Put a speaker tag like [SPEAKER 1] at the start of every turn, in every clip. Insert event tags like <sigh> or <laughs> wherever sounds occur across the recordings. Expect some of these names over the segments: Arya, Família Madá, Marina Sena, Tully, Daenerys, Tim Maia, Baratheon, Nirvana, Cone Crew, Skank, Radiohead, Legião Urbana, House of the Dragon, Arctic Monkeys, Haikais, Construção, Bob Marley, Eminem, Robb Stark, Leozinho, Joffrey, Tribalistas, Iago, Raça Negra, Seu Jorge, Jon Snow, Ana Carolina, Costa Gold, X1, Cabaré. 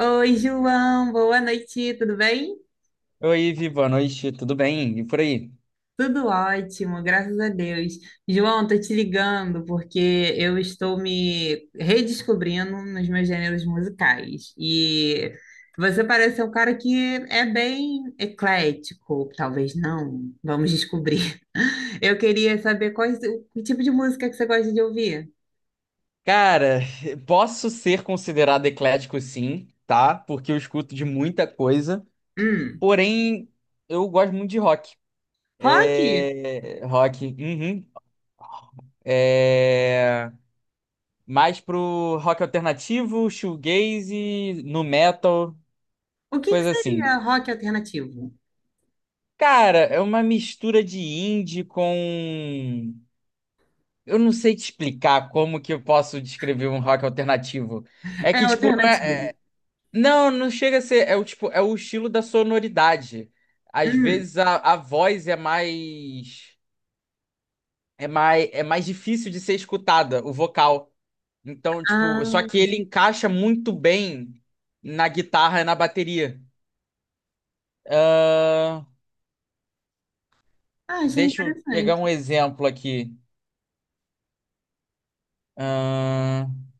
[SPEAKER 1] Oi, João, boa noite, tudo bem?
[SPEAKER 2] Oi, Viva, boa noite, tudo bem? E por aí?
[SPEAKER 1] Tudo ótimo, graças a Deus. João, tô te ligando porque eu estou me redescobrindo nos meus gêneros musicais. E você parece ser um cara que é bem eclético, talvez não, vamos descobrir. <laughs> Eu queria saber quais, o tipo de música que você gosta de ouvir.
[SPEAKER 2] Cara, <laughs> posso ser considerado eclético sim, tá? Porque eu escuto de muita coisa,
[SPEAKER 1] Hum,
[SPEAKER 2] porém eu gosto muito de rock.
[SPEAKER 1] rock?
[SPEAKER 2] É... Rock, uhum. É... Mais pro rock alternativo, shoegaze, nu metal,
[SPEAKER 1] O que que
[SPEAKER 2] coisa assim.
[SPEAKER 1] seria rock alternativo?
[SPEAKER 2] Cara, é uma mistura de indie com... Eu não sei te explicar como que eu posso descrever um rock alternativo. É
[SPEAKER 1] É
[SPEAKER 2] que, tipo, não é.
[SPEAKER 1] alternativo.
[SPEAKER 2] Não, não chega a ser. É o tipo, é o estilo da sonoridade. Às
[SPEAKER 1] Hum.
[SPEAKER 2] vezes a voz é mais, é mais, é mais difícil de ser escutada, o vocal. Então, tipo, só que
[SPEAKER 1] Ah.
[SPEAKER 2] ele encaixa muito bem na guitarra e na bateria. Ahn,
[SPEAKER 1] Ah, achei
[SPEAKER 2] deixa eu pegar
[SPEAKER 1] interessante.
[SPEAKER 2] um exemplo aqui. Ahn,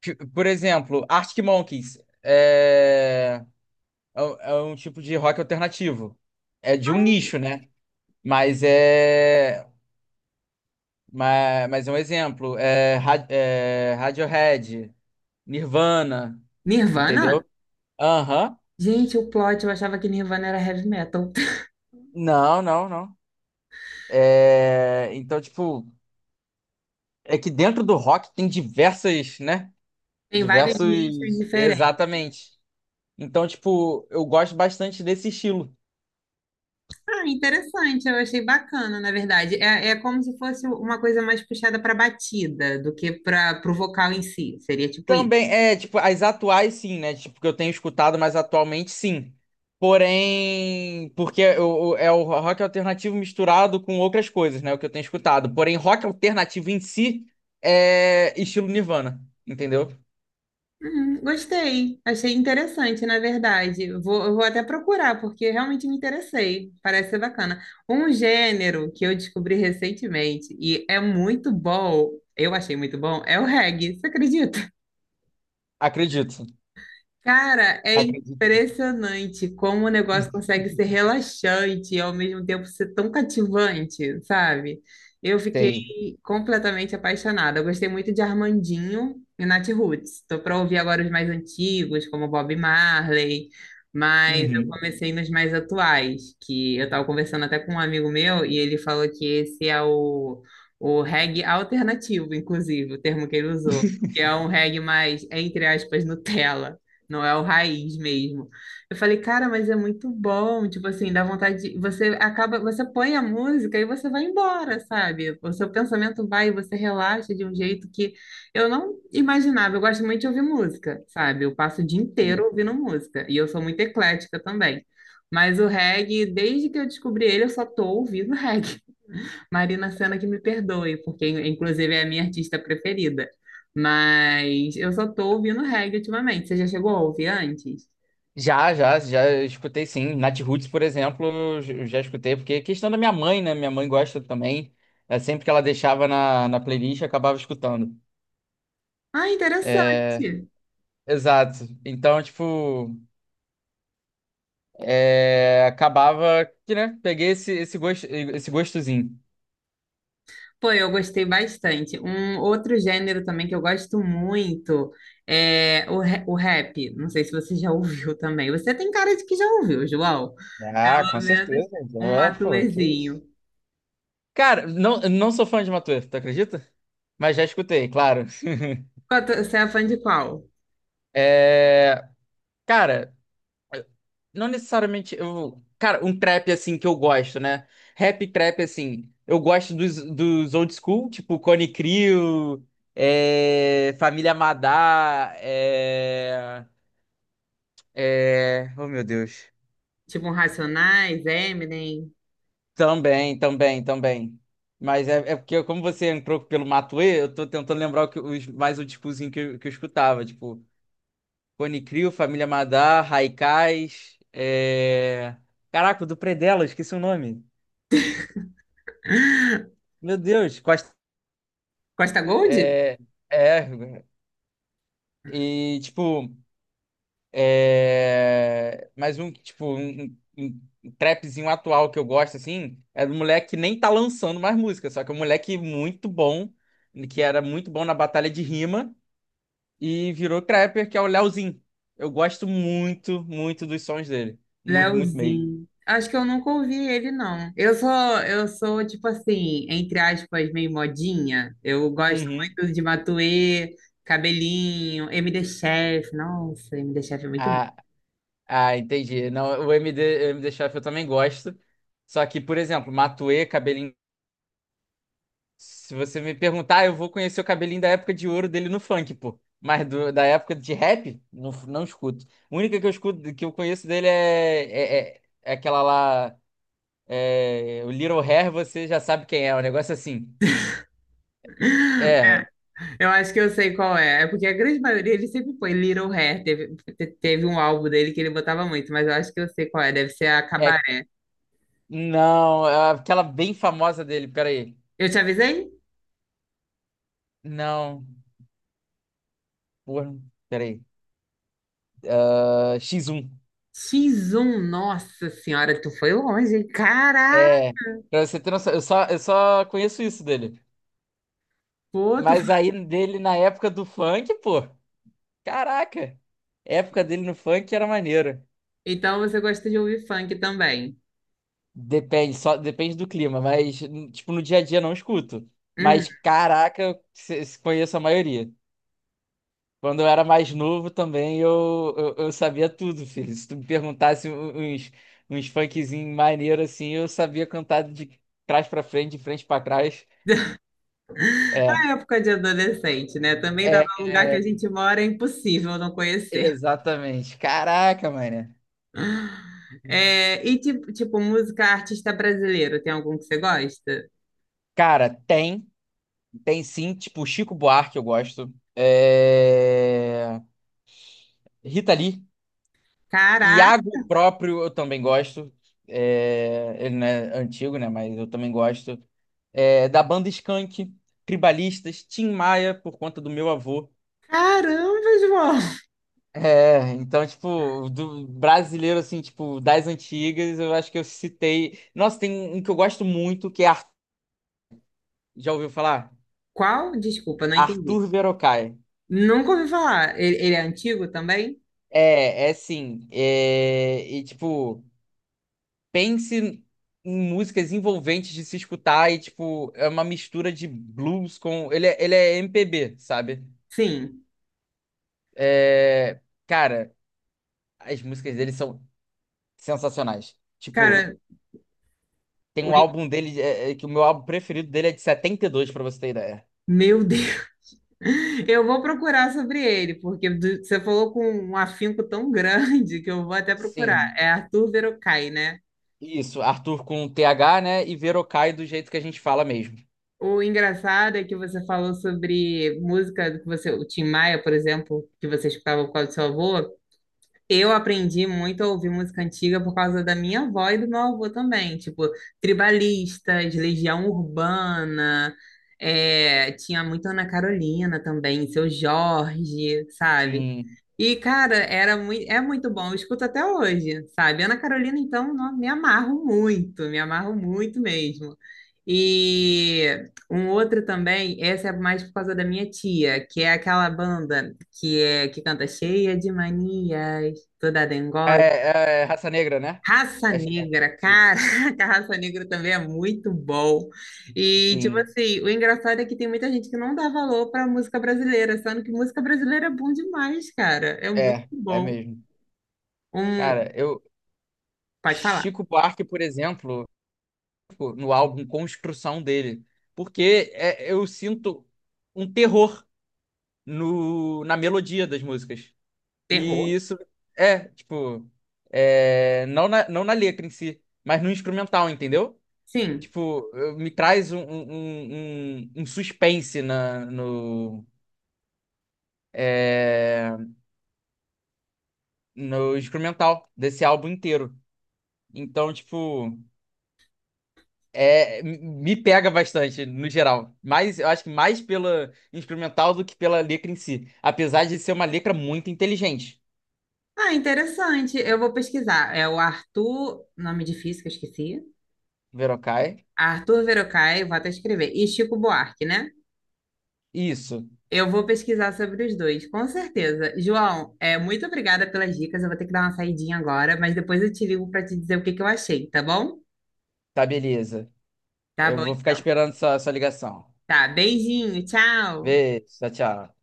[SPEAKER 2] por exemplo, Arctic Monkeys é, é um tipo de rock alternativo. É de um
[SPEAKER 1] Ah,
[SPEAKER 2] nicho, né? Mas é. Mas é um exemplo. É, é, Radiohead, Nirvana,
[SPEAKER 1] Nirvana?
[SPEAKER 2] entendeu? Aham.
[SPEAKER 1] Gente, o plot, eu achava que Nirvana era heavy metal. <laughs>
[SPEAKER 2] Não, não, não. É, então, tipo, é que dentro do rock tem diversas, né?
[SPEAKER 1] Tem vários nichos
[SPEAKER 2] Diversos.
[SPEAKER 1] diferentes.
[SPEAKER 2] Exatamente. Então, tipo, eu gosto bastante desse estilo.
[SPEAKER 1] Ah, interessante, eu achei bacana, na verdade. É, é como se fosse uma coisa mais puxada para batida do que para o vocal em si. Seria tipo isso.
[SPEAKER 2] Também, é, tipo, as atuais sim, né? Tipo, que eu tenho escutado, mas atualmente sim. Porém, porque é o rock alternativo misturado com outras coisas, né? O que eu tenho escutado. Porém, rock alternativo em si é estilo Nirvana, entendeu?
[SPEAKER 1] Gostei, achei interessante, na verdade. Eu vou até procurar, porque realmente me interessei. Parece ser bacana. Um gênero que eu descobri recentemente e é muito bom, eu achei muito bom, é o reggae. Você acredita?
[SPEAKER 2] Acredito.
[SPEAKER 1] Cara, é
[SPEAKER 2] Acredito.
[SPEAKER 1] impressionante como o negócio consegue ser
[SPEAKER 2] <laughs>
[SPEAKER 1] relaxante e ao mesmo tempo ser tão cativante, sabe? Eu fiquei
[SPEAKER 2] Sei.
[SPEAKER 1] completamente apaixonada. Eu gostei muito de Armandinho e Nat Roots. Tô para ouvir agora os mais antigos, como Bob Marley, mas eu
[SPEAKER 2] Uhum.
[SPEAKER 1] comecei nos mais atuais, que eu tava conversando até com um amigo meu e ele falou que esse o reggae alternativo, inclusive, o termo que ele usou. Que é um reggae mais, entre aspas, Nutella. Não é o raiz mesmo. Eu falei, cara, mas é muito bom. Tipo assim, dá vontade de... Você acaba, você põe a música e você vai embora, sabe? O seu pensamento vai, você relaxa de um jeito que eu não imaginava. Eu gosto muito de ouvir música, sabe? Eu passo o dia inteiro
[SPEAKER 2] Sim.
[SPEAKER 1] ouvindo música. E eu sou muito eclética também. Mas o reggae, desde que eu descobri ele, eu só tô ouvindo <laughs> reggae. Marina Sena que me perdoe, porque inclusive é a minha artista preferida. Mas eu só tô ouvindo reggae ultimamente. Você já chegou a ouvir antes?
[SPEAKER 2] Já escutei sim. Nat Roots, por exemplo, eu já escutei, porque é questão da minha mãe, né? Minha mãe gosta também. É, sempre que ela deixava na playlist, eu acabava escutando.
[SPEAKER 1] Ah,
[SPEAKER 2] É,
[SPEAKER 1] interessante.
[SPEAKER 2] exato. Então, tipo, é, acabava que, né, peguei esse, esse gosto, esse gostozinho.
[SPEAKER 1] Pô, eu gostei bastante. Um outro gênero também que eu gosto muito é o rap. Não sei se você já <laughs> ouviu também. Você tem cara de que já ouviu, João.
[SPEAKER 2] Ah, com
[SPEAKER 1] Pelo menos
[SPEAKER 2] certeza.
[SPEAKER 1] um
[SPEAKER 2] É, pô, que... isso.
[SPEAKER 1] matuezinho.
[SPEAKER 2] Cara, não, não sou fã de Matuê, tu acredita? Mas já escutei, claro.
[SPEAKER 1] Você é fã de qual?
[SPEAKER 2] É, cara, não necessariamente eu, cara, um trap assim que eu gosto, né? Rap trap assim, eu gosto dos old school, tipo Cone Crew, é, Família Madá, é, é... Oh, meu Deus.
[SPEAKER 1] Tipo um Racionais, Eminem,
[SPEAKER 2] Também, também, também. Mas é, é porque, como você entrou pelo Matuê, eu tô tentando lembrar o que, os, mais o tipozinho que, que eu escutava. Tipo, Cone Crew, Família Madar, Haikais. É... Caraca, o do Predela, eu esqueci o nome.
[SPEAKER 1] <laughs>
[SPEAKER 2] Meu Deus, Costa.
[SPEAKER 1] Costa Gold?
[SPEAKER 2] É, é. E, tipo. É, mas um trapzinho atual que eu gosto, assim, é do moleque que nem tá lançando mais música, só que é um moleque muito bom, que era muito bom na batalha de rima e virou trapper, que é o Leozinho. Eu gosto muito, muito dos sons dele. Muito, muito mesmo.
[SPEAKER 1] Leozinho. Acho que eu nunca ouvi ele, não. Eu sou, tipo assim, entre aspas, meio modinha. Eu gosto
[SPEAKER 2] Uhum.
[SPEAKER 1] muito de Matuê, Cabelinho, MD Chef. Nossa, MD Chef é muito bom.
[SPEAKER 2] Ah, entendi. Não, o MD, o MD Chef eu também gosto. Só que, por exemplo, Matuê, Cabelinho. Se você me perguntar, eu vou conhecer o cabelinho da época de ouro dele no funk, pô. Mas da época de rap, não, não escuto. A única que eu escuto, que eu conheço dele é, é, é aquela lá. É, o Little Hair, você já sabe quem é. O negócio é assim.
[SPEAKER 1] <laughs>
[SPEAKER 2] É,
[SPEAKER 1] É, eu acho que eu sei qual é. É porque a grande maioria ele sempre põe Little Hair. Teve um álbum dele que ele botava muito, mas eu acho que eu sei qual é. Deve ser a
[SPEAKER 2] é.
[SPEAKER 1] Cabaré.
[SPEAKER 2] Não, é aquela bem famosa dele, peraí.
[SPEAKER 1] Eu te avisei?
[SPEAKER 2] Não, porra, peraí. Ah, X1.
[SPEAKER 1] X1, nossa senhora, tu foi longe, hein? Caraca,
[SPEAKER 2] É. Pra você ter noção, eu só conheço isso dele.
[SPEAKER 1] pô, tu.
[SPEAKER 2] Mas aí dele na época do funk, pô. Caraca! A época dele no funk era maneiro.
[SPEAKER 1] Então você gosta de ouvir funk também.
[SPEAKER 2] Depende, só depende do clima, mas tipo, no dia a dia não escuto.
[SPEAKER 1] Uhum.
[SPEAKER 2] Mas caraca, eu se- se conheço a maioria. Quando eu era mais novo também, eu sabia tudo, filho. Se tu me perguntasse uns funkzinhos maneiro assim, eu sabia cantar de trás pra frente, de frente pra trás.
[SPEAKER 1] <laughs>
[SPEAKER 2] É,
[SPEAKER 1] A época de adolescente, né? Também dá
[SPEAKER 2] é,
[SPEAKER 1] no lugar que
[SPEAKER 2] é,
[SPEAKER 1] a gente mora, é impossível não conhecer.
[SPEAKER 2] exatamente. Caraca, mano.
[SPEAKER 1] É, e tipo, música artista brasileiro, tem algum que você gosta?
[SPEAKER 2] Cara, tem. Tem sim, tipo, Chico Buarque eu gosto. É... Rita Lee.
[SPEAKER 1] Caraca,
[SPEAKER 2] Iago próprio eu também gosto. É... Ele não é antigo, né? Mas eu também gosto. É... Da banda Skank, Tribalistas, Tim Maia, por conta do meu avô.
[SPEAKER 1] caramba, João!
[SPEAKER 2] É, então, tipo, do brasileiro, assim, tipo, das antigas, eu acho que eu citei. Nossa, tem um que eu gosto muito, que é. Ar-. Já ouviu falar?
[SPEAKER 1] Qual? Desculpa, não entendi.
[SPEAKER 2] Arthur Verocai.
[SPEAKER 1] Nunca ouvi falar. Ele é antigo também?
[SPEAKER 2] É, é sim. É, e, tipo, pense em músicas envolventes de se escutar e, tipo, é uma mistura de blues com. Ele é MPB, sabe?
[SPEAKER 1] Sim.
[SPEAKER 2] É, cara, as músicas dele são sensacionais. Tipo,
[SPEAKER 1] Cara,
[SPEAKER 2] tem um
[SPEAKER 1] oi,
[SPEAKER 2] álbum dele, que o meu álbum preferido dele é de 72 pra você ter ideia.
[SPEAKER 1] meu Deus! Eu vou procurar sobre ele, porque você falou com um afinco tão grande que eu vou até procurar.
[SPEAKER 2] Sim,
[SPEAKER 1] É Arthur Verocai, né?
[SPEAKER 2] isso, Arthur com TH, né? E Verocai do jeito que a gente fala mesmo.
[SPEAKER 1] O engraçado é que você falou sobre música que você, o Tim Maia, por exemplo, que você escutava por causa do seu avô. Eu aprendi muito a ouvir música antiga por causa da minha avó e do meu avô também. Tipo, Tribalistas, Legião Urbana, é, tinha muito Ana Carolina também, Seu Jorge, sabe?
[SPEAKER 2] Sim.
[SPEAKER 1] E, cara, é muito bom, eu escuto até hoje, sabe? Ana Carolina, então, me amarro muito mesmo. E um outro também, essa é mais por causa da minha tia, que é aquela banda que canta cheia de manias toda dengosa.
[SPEAKER 2] É, é raça negra, né?
[SPEAKER 1] Raça
[SPEAKER 2] Acho que é
[SPEAKER 1] Negra,
[SPEAKER 2] isso.
[SPEAKER 1] cara, <laughs> que a Raça Negra também é muito bom. E, tipo
[SPEAKER 2] Sim,
[SPEAKER 1] assim, o engraçado é que tem muita gente que não dá valor pra música brasileira, sendo que música brasileira é bom demais, cara. É muito
[SPEAKER 2] é, é
[SPEAKER 1] bom.
[SPEAKER 2] mesmo.
[SPEAKER 1] Um,
[SPEAKER 2] Cara, eu,
[SPEAKER 1] pode falar.
[SPEAKER 2] Chico Buarque, por exemplo, tipo, no álbum Construção dele, porque eu sinto um terror no, na melodia das músicas. E
[SPEAKER 1] Terror?
[SPEAKER 2] isso é, tipo, é, não na, não na letra em si, mas no instrumental, entendeu?
[SPEAKER 1] Sim.
[SPEAKER 2] Tipo, me traz um suspense na, no, é, no instrumental desse álbum inteiro. Então, tipo. É, me pega bastante, no geral. Mas eu acho que mais pela instrumental do que pela letra em si. Apesar de ser uma letra muito inteligente.
[SPEAKER 1] Ah, interessante. Eu vou pesquisar. É o Arthur, nome difícil que eu esqueci.
[SPEAKER 2] Verokai.
[SPEAKER 1] Arthur Verocai, vou até escrever. E Chico Buarque, né?
[SPEAKER 2] Isso.
[SPEAKER 1] Eu vou pesquisar sobre os dois, com certeza. João, é, muito obrigada pelas dicas. Eu vou ter que dar uma saidinha agora, mas depois eu te ligo para te dizer o que que eu achei, tá bom?
[SPEAKER 2] Tá, beleza.
[SPEAKER 1] Tá
[SPEAKER 2] Eu
[SPEAKER 1] bom.
[SPEAKER 2] vou ficar esperando sua ligação.
[SPEAKER 1] Tá. Beijinho, tchau.
[SPEAKER 2] Beijo, tchau, tchau.